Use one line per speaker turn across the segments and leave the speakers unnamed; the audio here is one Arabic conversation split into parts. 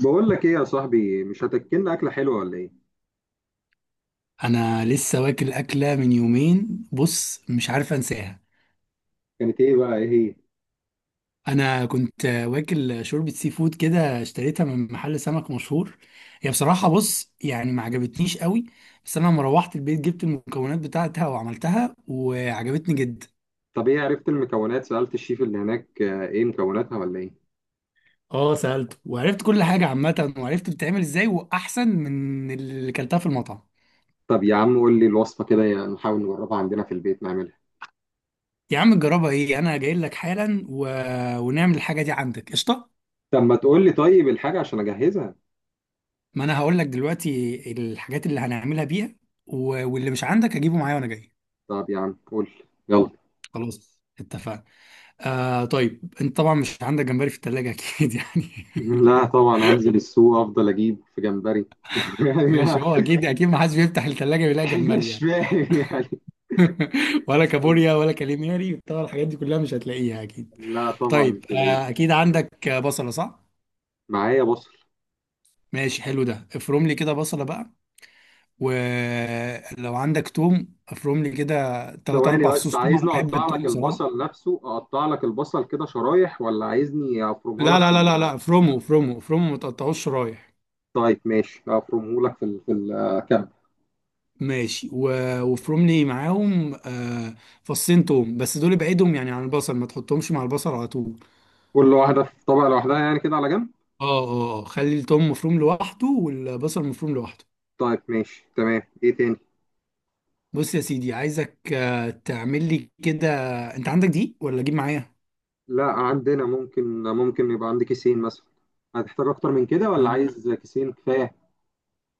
بقول لك ايه يا صاحبي؟ مش هتاكلنا اكله حلوه ولا ايه؟
انا لسه واكل اكله من يومين. بص مش عارف انساها.
كانت ايه بقى؟ ايه هي؟
انا كنت واكل شوربه سي فود كده اشتريتها من محل سمك مشهور. هي بصراحه بص يعني ما عجبتنيش قوي. بس انا لما روحت البيت جبت المكونات بتاعتها وعملتها وعجبتني جدا.
طب، ايه عرفت المكونات؟ سالت الشيف اللي هناك؟ ايه مكوناتها ولا ايه؟
اه سالته وعرفت كل حاجه عامه وعرفت بتتعمل ازاي واحسن من اللي كلتها في المطعم.
طب يا عم قول لي الوصفه كده، نحاول نجربها عندنا في البيت نعملها.
يا عم جربها ايه، انا جاي لك حالا ونعمل الحاجه دي عندك، قشطه.
طب ما تقول لي طيب الحاجه عشان اجهزها.
ما انا هقول لك دلوقتي الحاجات اللي هنعملها بيها، و- واللي مش عندك هجيبه معايا وانا جاي.
طب يا عم قول لي، يلا.
خلاص اتفقنا. آه طيب انت طبعا مش عندك جمبري في التلاجة اكيد يعني.
لا طبعا، هنزل السوق، افضل اجيب في جمبري. يعني
ماشي، هو اكيد اكيد ما حدش بيفتح التلاجة بيلاقي جمبري
مش
يعني.
فاهم يعني.
ولا
قول لي.
كابوريا ولا كاليماري طبعا الحاجات دي كلها مش هتلاقيها اكيد.
لا طبعا مش
طيب
هلاقيه.
آه اكيد عندك بصلة صح؟
معايا بصل.
ماشي حلو، ده افرم لي كده بصلة بقى. ولو عندك توم افرم لي كده تلات
ثواني
اربع
بس،
فصوص توم، انا
عايزني
بحب
اقطع لك
التوم بصراحة.
البصل نفسه؟ اقطع لك البصل كده شرايح، ولا عايزني افرمها
لا
لك
لا لا لا لا، فرومو فرومو فرومو، ما تقطعوش رايح.
طيب ماشي، افرمه لك في الكعب.
ماشي وفروملي معاهم آه فصين توم بس، دول ابعدهم يعني عن البصل، ما تحطهمش مع البصل على طول.
كل واحده في طبق لوحدها يعني، كده على جنب.
اه اه خلي التوم مفروم لوحده والبصل مفروم لوحده.
طيب ماشي تمام، ايه تاني؟
بص يا سيدي عايزك تعمل لي كده. انت عندك دي ولا اجيب معايا؟
لا عندنا، ممكن يبقى عندي كيسين مثلا. هتحتاج اكتر من كده ولا
آه.
عايز كيسين كفايه؟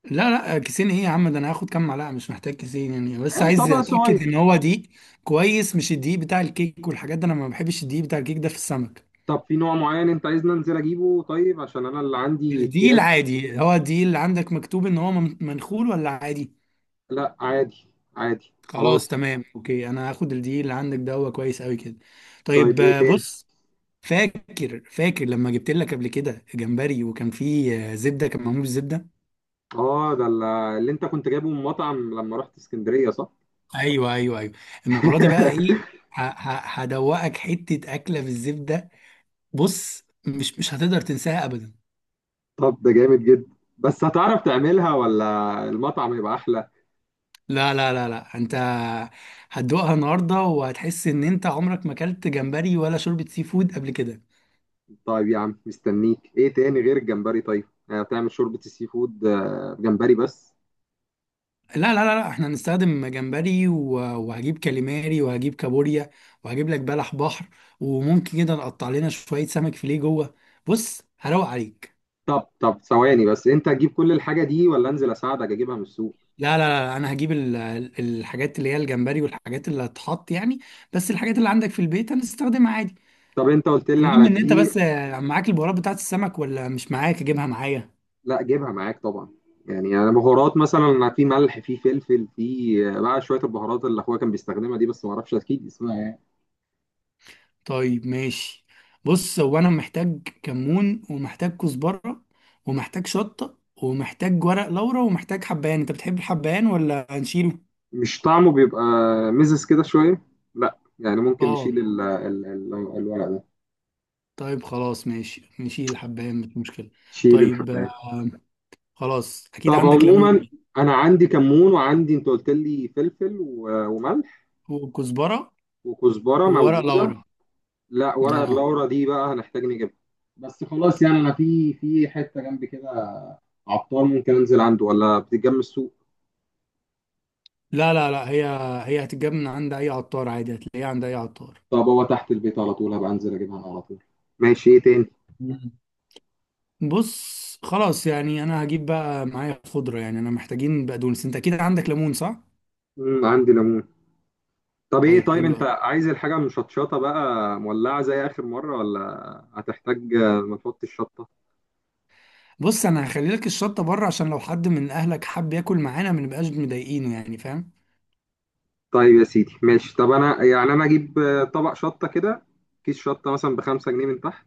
لا لا كيسين ايه يا عم، ده انا هاخد كام معلقه، مش محتاج كيسين يعني، بس
يعني
عايز
طبق
اتاكد ان
صغير.
هو دقيق كويس. مش الدقيق بتاع الكيك والحاجات ده، انا ما بحبش الدقيق بتاع الكيك ده في السمك.
طب في نوع معين انت عايزني انزل اجيبه؟ طيب، عشان انا اللي عندي
الدي
اكياس.
العادي، هو الدي اللي عندك مكتوب ان هو منخول ولا عادي؟
لا عادي. عادي
خلاص
خلاص.
تمام اوكي، انا هاخد الدي اللي عندك ده، هو كويس قوي كده.
طيب
طيب
ايه تاني؟
بص، فاكر فاكر لما جبت لك قبل كده جمبري وكان فيه زبده، كان معمول بالزبده.
اه، اللي انت كنت جايبه من مطعم لما رحت اسكندرية، صح؟
ايوه ايوه ايوه. المره دي بقى ايه، هدوقك حته اكله بالزبده. بص مش هتقدر تنساها ابدا.
طب ده جامد جدا. بس هتعرف تعملها ولا المطعم يبقى احلى؟
لا لا لا لا، انت هتدوقها النهارده وهتحس ان انت عمرك ما اكلت جمبري ولا شوربه سي فود قبل كده.
طيب يا عم، مستنيك. ايه تاني غير الجمبري؟ طيب، بتعمل شوربة السي فود؟ جمبري بس؟
لا لا لا لا، احنا هنستخدم جمبري و- وهجيب كاليماري وهجيب كابوريا وهجيب لك بلح بحر، وممكن كده نقطع لنا شوية سمك فيليه جوه. بص هروق عليك.
طب ثواني بس، انت هتجيب كل الحاجة دي ولا انزل اساعدك اجيبها من السوق؟
لا لا لا، انا هجيب الحاجات اللي هي الجمبري والحاجات اللي هتحط يعني، بس الحاجات اللي عندك في البيت هنستخدمها عادي.
طب انت قلت لي
المهم
على
ان انت
دقيق.
بس معاك البهارات بتاعت السمك ولا مش معاك اجيبها معايا؟
لا جيبها معاك طبعا. يعني انا بهارات مثلا، في ملح، في فلفل، في بقى شوية البهارات اللي اخويا كان بيستخدمها دي، بس ما اعرفش اكيد اسمها إيه.
طيب ماشي، بص هو انا محتاج كمون، ومحتاج كزبرة، ومحتاج شطة، ومحتاج ورق لورا، ومحتاج حبهان. انت بتحب الحبهان ولا هنشيله؟
مش طعمه بيبقى مزز كده شوية؟ لا يعني ممكن
اه
نشيل الورق ده.
طيب خلاص ماشي، نشيل الحبهان، مش مشكلة.
شيل
طيب
الحباية.
آه خلاص، اكيد
طب
عندك
عموما،
ليمون.
انا عندي كمون، وعندي، انت قلت لي فلفل وملح.
وكزبرة.
وكزبرة
وورق
موجودة.
لورا.
لا، ورق
اه
اللورا دي بقى هنحتاج نجيبها. بس خلاص، يعني انا في حتة جنبي كده عطار، ممكن انزل عنده ولا بتتجمع السوق؟
لا لا لا، هي هتتجاب من عند اي عطار عادي، هتلاقيها عند اي عطار.
طب هو تحت البيت على طول، هبقى انزل اجيبها أنا على طول. ماشي، ايه تاني؟
بص خلاص يعني انا هجيب بقى معايا خضره يعني، انا محتاجين بقدونس، انت اكيد عندك ليمون صح؟
مم، عندي ليمون. طب ايه؟
طيب
طيب
حلو
انت
قوي.
عايز الحاجة مشطشطة بقى؟ مولعة زي آخر مرة، ولا هتحتاج؟ ما تحط الشطة؟
بص انا هخلي لك الشطه بره، عشان لو حد من اهلك حب ياكل معانا ما نبقاش مضايقينه يعني، فاهم؟
طيب يا سيدي ماشي. طب انا يعني، انا اجيب طبق شطة كده، كيس شطة مثلا ب5 جنيه من تحت.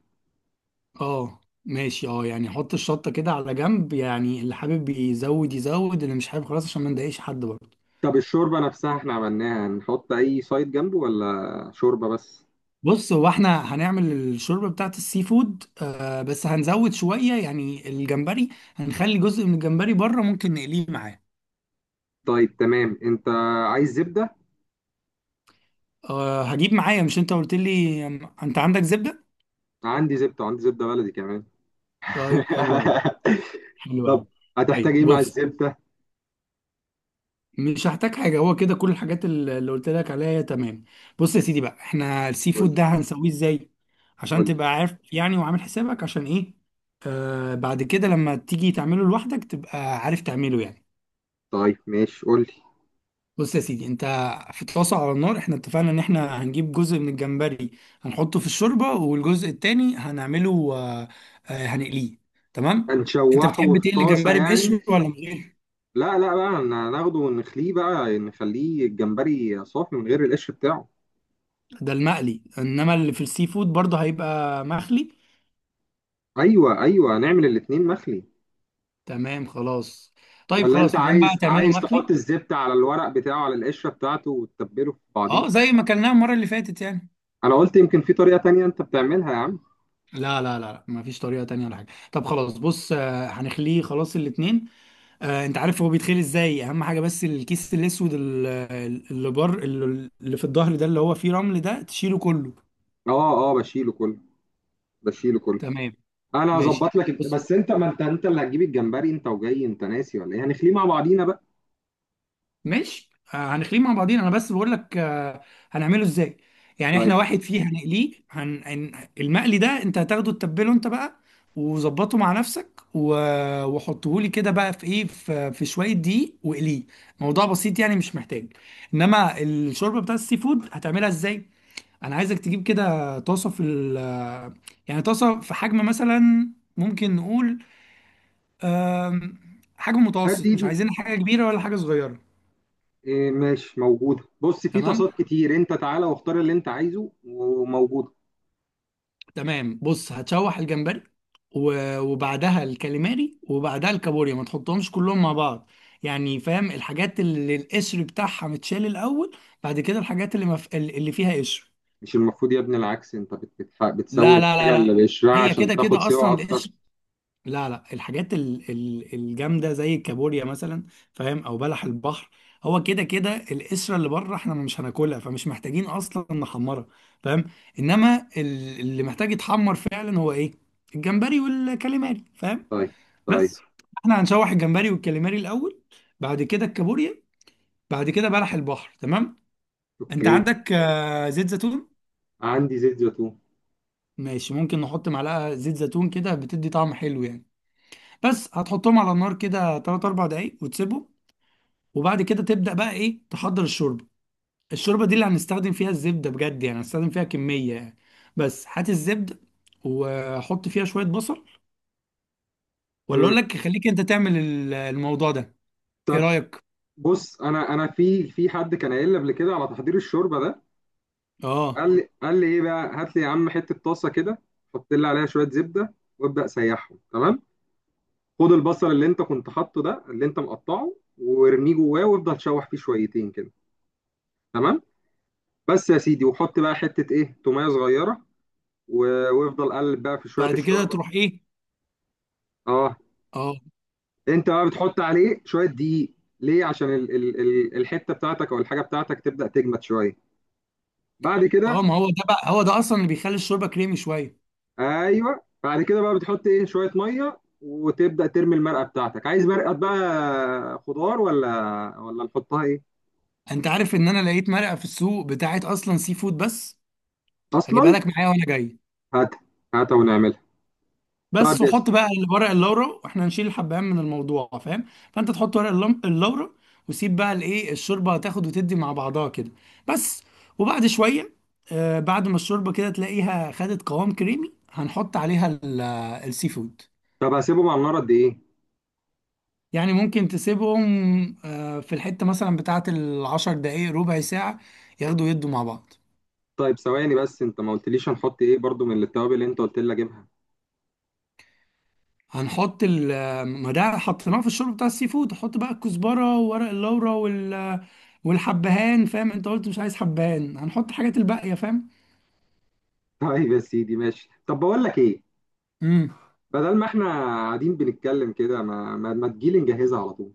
اه ماشي اه، يعني حط الشطه كده على جنب، يعني اللي حابب يزود يزود اللي مش حابب خلاص، عشان ما نضايقش حد برضه.
طب الشوربة نفسها احنا عملناها، نحط اي سايد جنبه ولا شوربة بس؟
بص هو احنا هنعمل الشوربه بتاعت السي فود آه، بس هنزود شويه يعني الجمبري، هنخلي جزء من الجمبري بره، ممكن نقليه معاه.
طيب تمام، انت عايز زبدة؟
أه هجيب معايا. مش انت قلت لي انت عندك زبدة؟
عندي زبدة، عندي زبدة بلدي كمان.
طيب حلو قوي. حلو
طب
قوي.
هتحتاج
طيب
ايه مع
بص
الزبدة؟
مش هحتاج حاجة، هو كده كل الحاجات اللي قلت لك عليها هي تمام. بص يا سيدي بقى، احنا السي
قول.
فود ده هنسويه ازاي عشان
قول.
تبقى عارف يعني وعامل حسابك عشان ايه. أه بعد كده لما تيجي تعمله لوحدك تبقى عارف تعمله يعني.
طيب ماشي، قول لي.
بص يا سيدي، انت في طاسة على النار، احنا اتفقنا ان احنا هنجيب جزء من الجمبري هنحطه في الشوربة، والجزء التاني هنعمله هنقليه، تمام. انت
هنشوحه
بتحب
في
تقلي
طاسة
جمبري
يعني؟
بقشر ولا من غير؟
لا لا بقى، ناخده ونخليه بقى، نخليه الجمبري صافي من غير القش بتاعه.
ده المقلي، انما اللي في السي فود برضه هيبقى مخلي،
ايوه ايوه، نعمل الاتنين مخلي.
تمام خلاص. طيب
ولا انت
خلاص ما دام بقى
عايز
هتعمله
عايز
مخلي.
تحط الزبدة على الورق بتاعه، على القشرة بتاعته، وتتبله في بعضيه؟
اه زي ما اكلناه المرة اللي فاتت يعني.
انا قلت يمكن في طريقة تانية انت بتعملها يا عم.
لا لا لا لا، مفيش طريقة تانية ولا حاجة، طب خلاص بص هنخليه خلاص الاتنين. انت عارف هو بيتخيل ازاي، اهم حاجه بس الكيس الاسود اللي بر اللي في الظهر ده اللي هو فيه رمل ده تشيله كله.
اه اه، بشيله كله. بشيله كله.
تمام.
انا
ماشي،
هظبط لك،
بص
بس انت، ما انت اللي هتجيب الجمبري انت وجاي، انت ناسي ولا ايه؟ هنخليه مع بعضينا بقى.
ماشي هنخليه مع بعضين، انا بس بقول لك هنعمله ازاي. يعني
طيب
احنا واحد فيه هنقليه، هن... هن- المقلي ده انت هتاخده تتبله انت بقى وظبطه مع نفسك وحطه لي كده بقى في ايه، في شويه دقيق واقليه، موضوع بسيط يعني، مش محتاج. انما الشوربه بتاع السي فود هتعملها ازاي، انا عايزك تجيب كده طاسه في ال، يعني طاسه في حجم مثلا، ممكن نقول آم، حجم
هات دي
متوسط، مش
دي
عايزين حاجه كبيره ولا حاجه صغيره.
إيه، ماشي، موجودة. بص، في
تمام.
طاسات كتير، انت تعالى واختار اللي انت عايزه وموجود.
تمام بص هتشوح الجمبري و- وبعدها الكاليماري وبعدها الكابوريا، ما تحطهمش كلهم مع بعض، يعني فاهم؟ الحاجات اللي القشر بتاعها متشال الاول، بعد كده الحاجات اللي اللي فيها قشر.
مش المفروض يا ابني العكس؟ انت بتسوي
لا لا لا
الحاجة اللي
لا،
بقشرها
هي
عشان
كده
تاخد
كده
سوا
اصلا
اكتر.
القشر، لا لا، الحاجات الجامده زي الكابوريا مثلا، فاهم؟ او بلح البحر، هو كده كده القشره اللي بره احنا مش هناكلها، فمش محتاجين اصلا نحمرها، فاهم؟ انما اللي محتاج يتحمر فعلا هو ايه؟ الجمبري والكاليماري، فاهم؟
طيب. طيب.
بس، احنا هنشوح الجمبري والكاليماري الاول، بعد كده الكابوريا، بعد كده بلح البحر، تمام. انت
اوكي.
عندك زيت زيتون؟
عندي زيت زيتون.
ماشي، ممكن نحط معلقه زيت زيتون كده، بتدي طعم حلو يعني. بس هتحطهم على النار كده 3 4 دقايق وتسيبهم، وبعد كده تبدأ بقى ايه، تحضر الشوربة. الشوربة دي اللي هنستخدم فيها الزبدة بجد يعني، هنستخدم فيها كمية يعني. بس هات الزبدة وحط فيها شوية بصل، ولا
مم.
اقول لك خليك انت تعمل الموضوع ده، ايه
طب
رأيك؟
بص، انا في حد كان قايل لي قبل كده على تحضير الشوربة ده.
اه
قال لي ايه بقى، هات لي يا عم حتة طاسة كده، حط لي عليها شوية زبدة وابدأ سيحهم. تمام. خد البصل اللي انت كنت حاطه ده، اللي انت مقطعه، وارميه جواه، وافضل شوح فيه شويتين كده. تمام. بس يا سيدي، وحط بقى حتة ايه تومية صغيرة، وافضل قلب بقى في شوية
بعد كده
الشوربة.
تروح ايه.
اه.
اه.
انت بقى بتحط عليه شويه دقيق. ليه؟ عشان ال ال ال الحته بتاعتك او الحاجه بتاعتك تبدا تجمد شويه. بعد كده.
اه ما هو ده بقى، هو ده اصلا اللي بيخلي الشوربة كريمي شوية.
ايوه، بعد كده بقى بتحط ايه شويه ميه وتبدا ترمي المرقه بتاعتك. عايز مرقه بقى خضار، ولا، ولا نحطها ايه؟
انت عارف ان انا لقيت مرقة في السوق بتاعت اصلا سي فود بس، هجيبها
اصلا.
لك معايا وانا جاي.
هات. هاتها ونعملها.
بس
طيب، يس.
وحط بقى ورق اللورا، واحنا هنشيل الحبهان من الموضوع فاهم، فانت تحط ورق اللورا وسيب بقى الايه الشوربه تاخد وتدي مع بعضها كده بس. وبعد شويه آه، بعد ما الشوربه كده تلاقيها خدت قوام كريمي، هنحط عليها السي فود.
طب هسيبهم على النار قد ايه؟
يعني ممكن تسيبهم آه في الحته مثلا بتاعت 10 دقايق ربع ساعه، ياخدوا يدوا مع بعض.
طيب ثواني بس، انت ما قلتليش هنحط ايه برضو من التوابل اللي انت قلت لي اجيبها.
هنحط ال، ما ده حطيناه في الشوربه بتاع السي فود، هحط بقى الكزبره وورق اللورا والحبهان، فاهم؟ انت قلت مش عايز حبهان، هنحط حاجات الباقيه، فاهم؟
طيب يا سيدي ماشي. طب بقول لك ايه،
امم
بدل ما احنا قاعدين بنتكلم كده، ما تجيلي نجهزها على طول.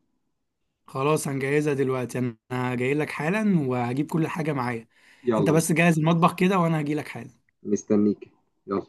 خلاص هنجهزها دلوقتي، انا جاي لك حالا وهجيب كل حاجه معايا، انت
يلا،
بس جهز المطبخ كده وانا هجي لك حالا.
مستنيك. يلا.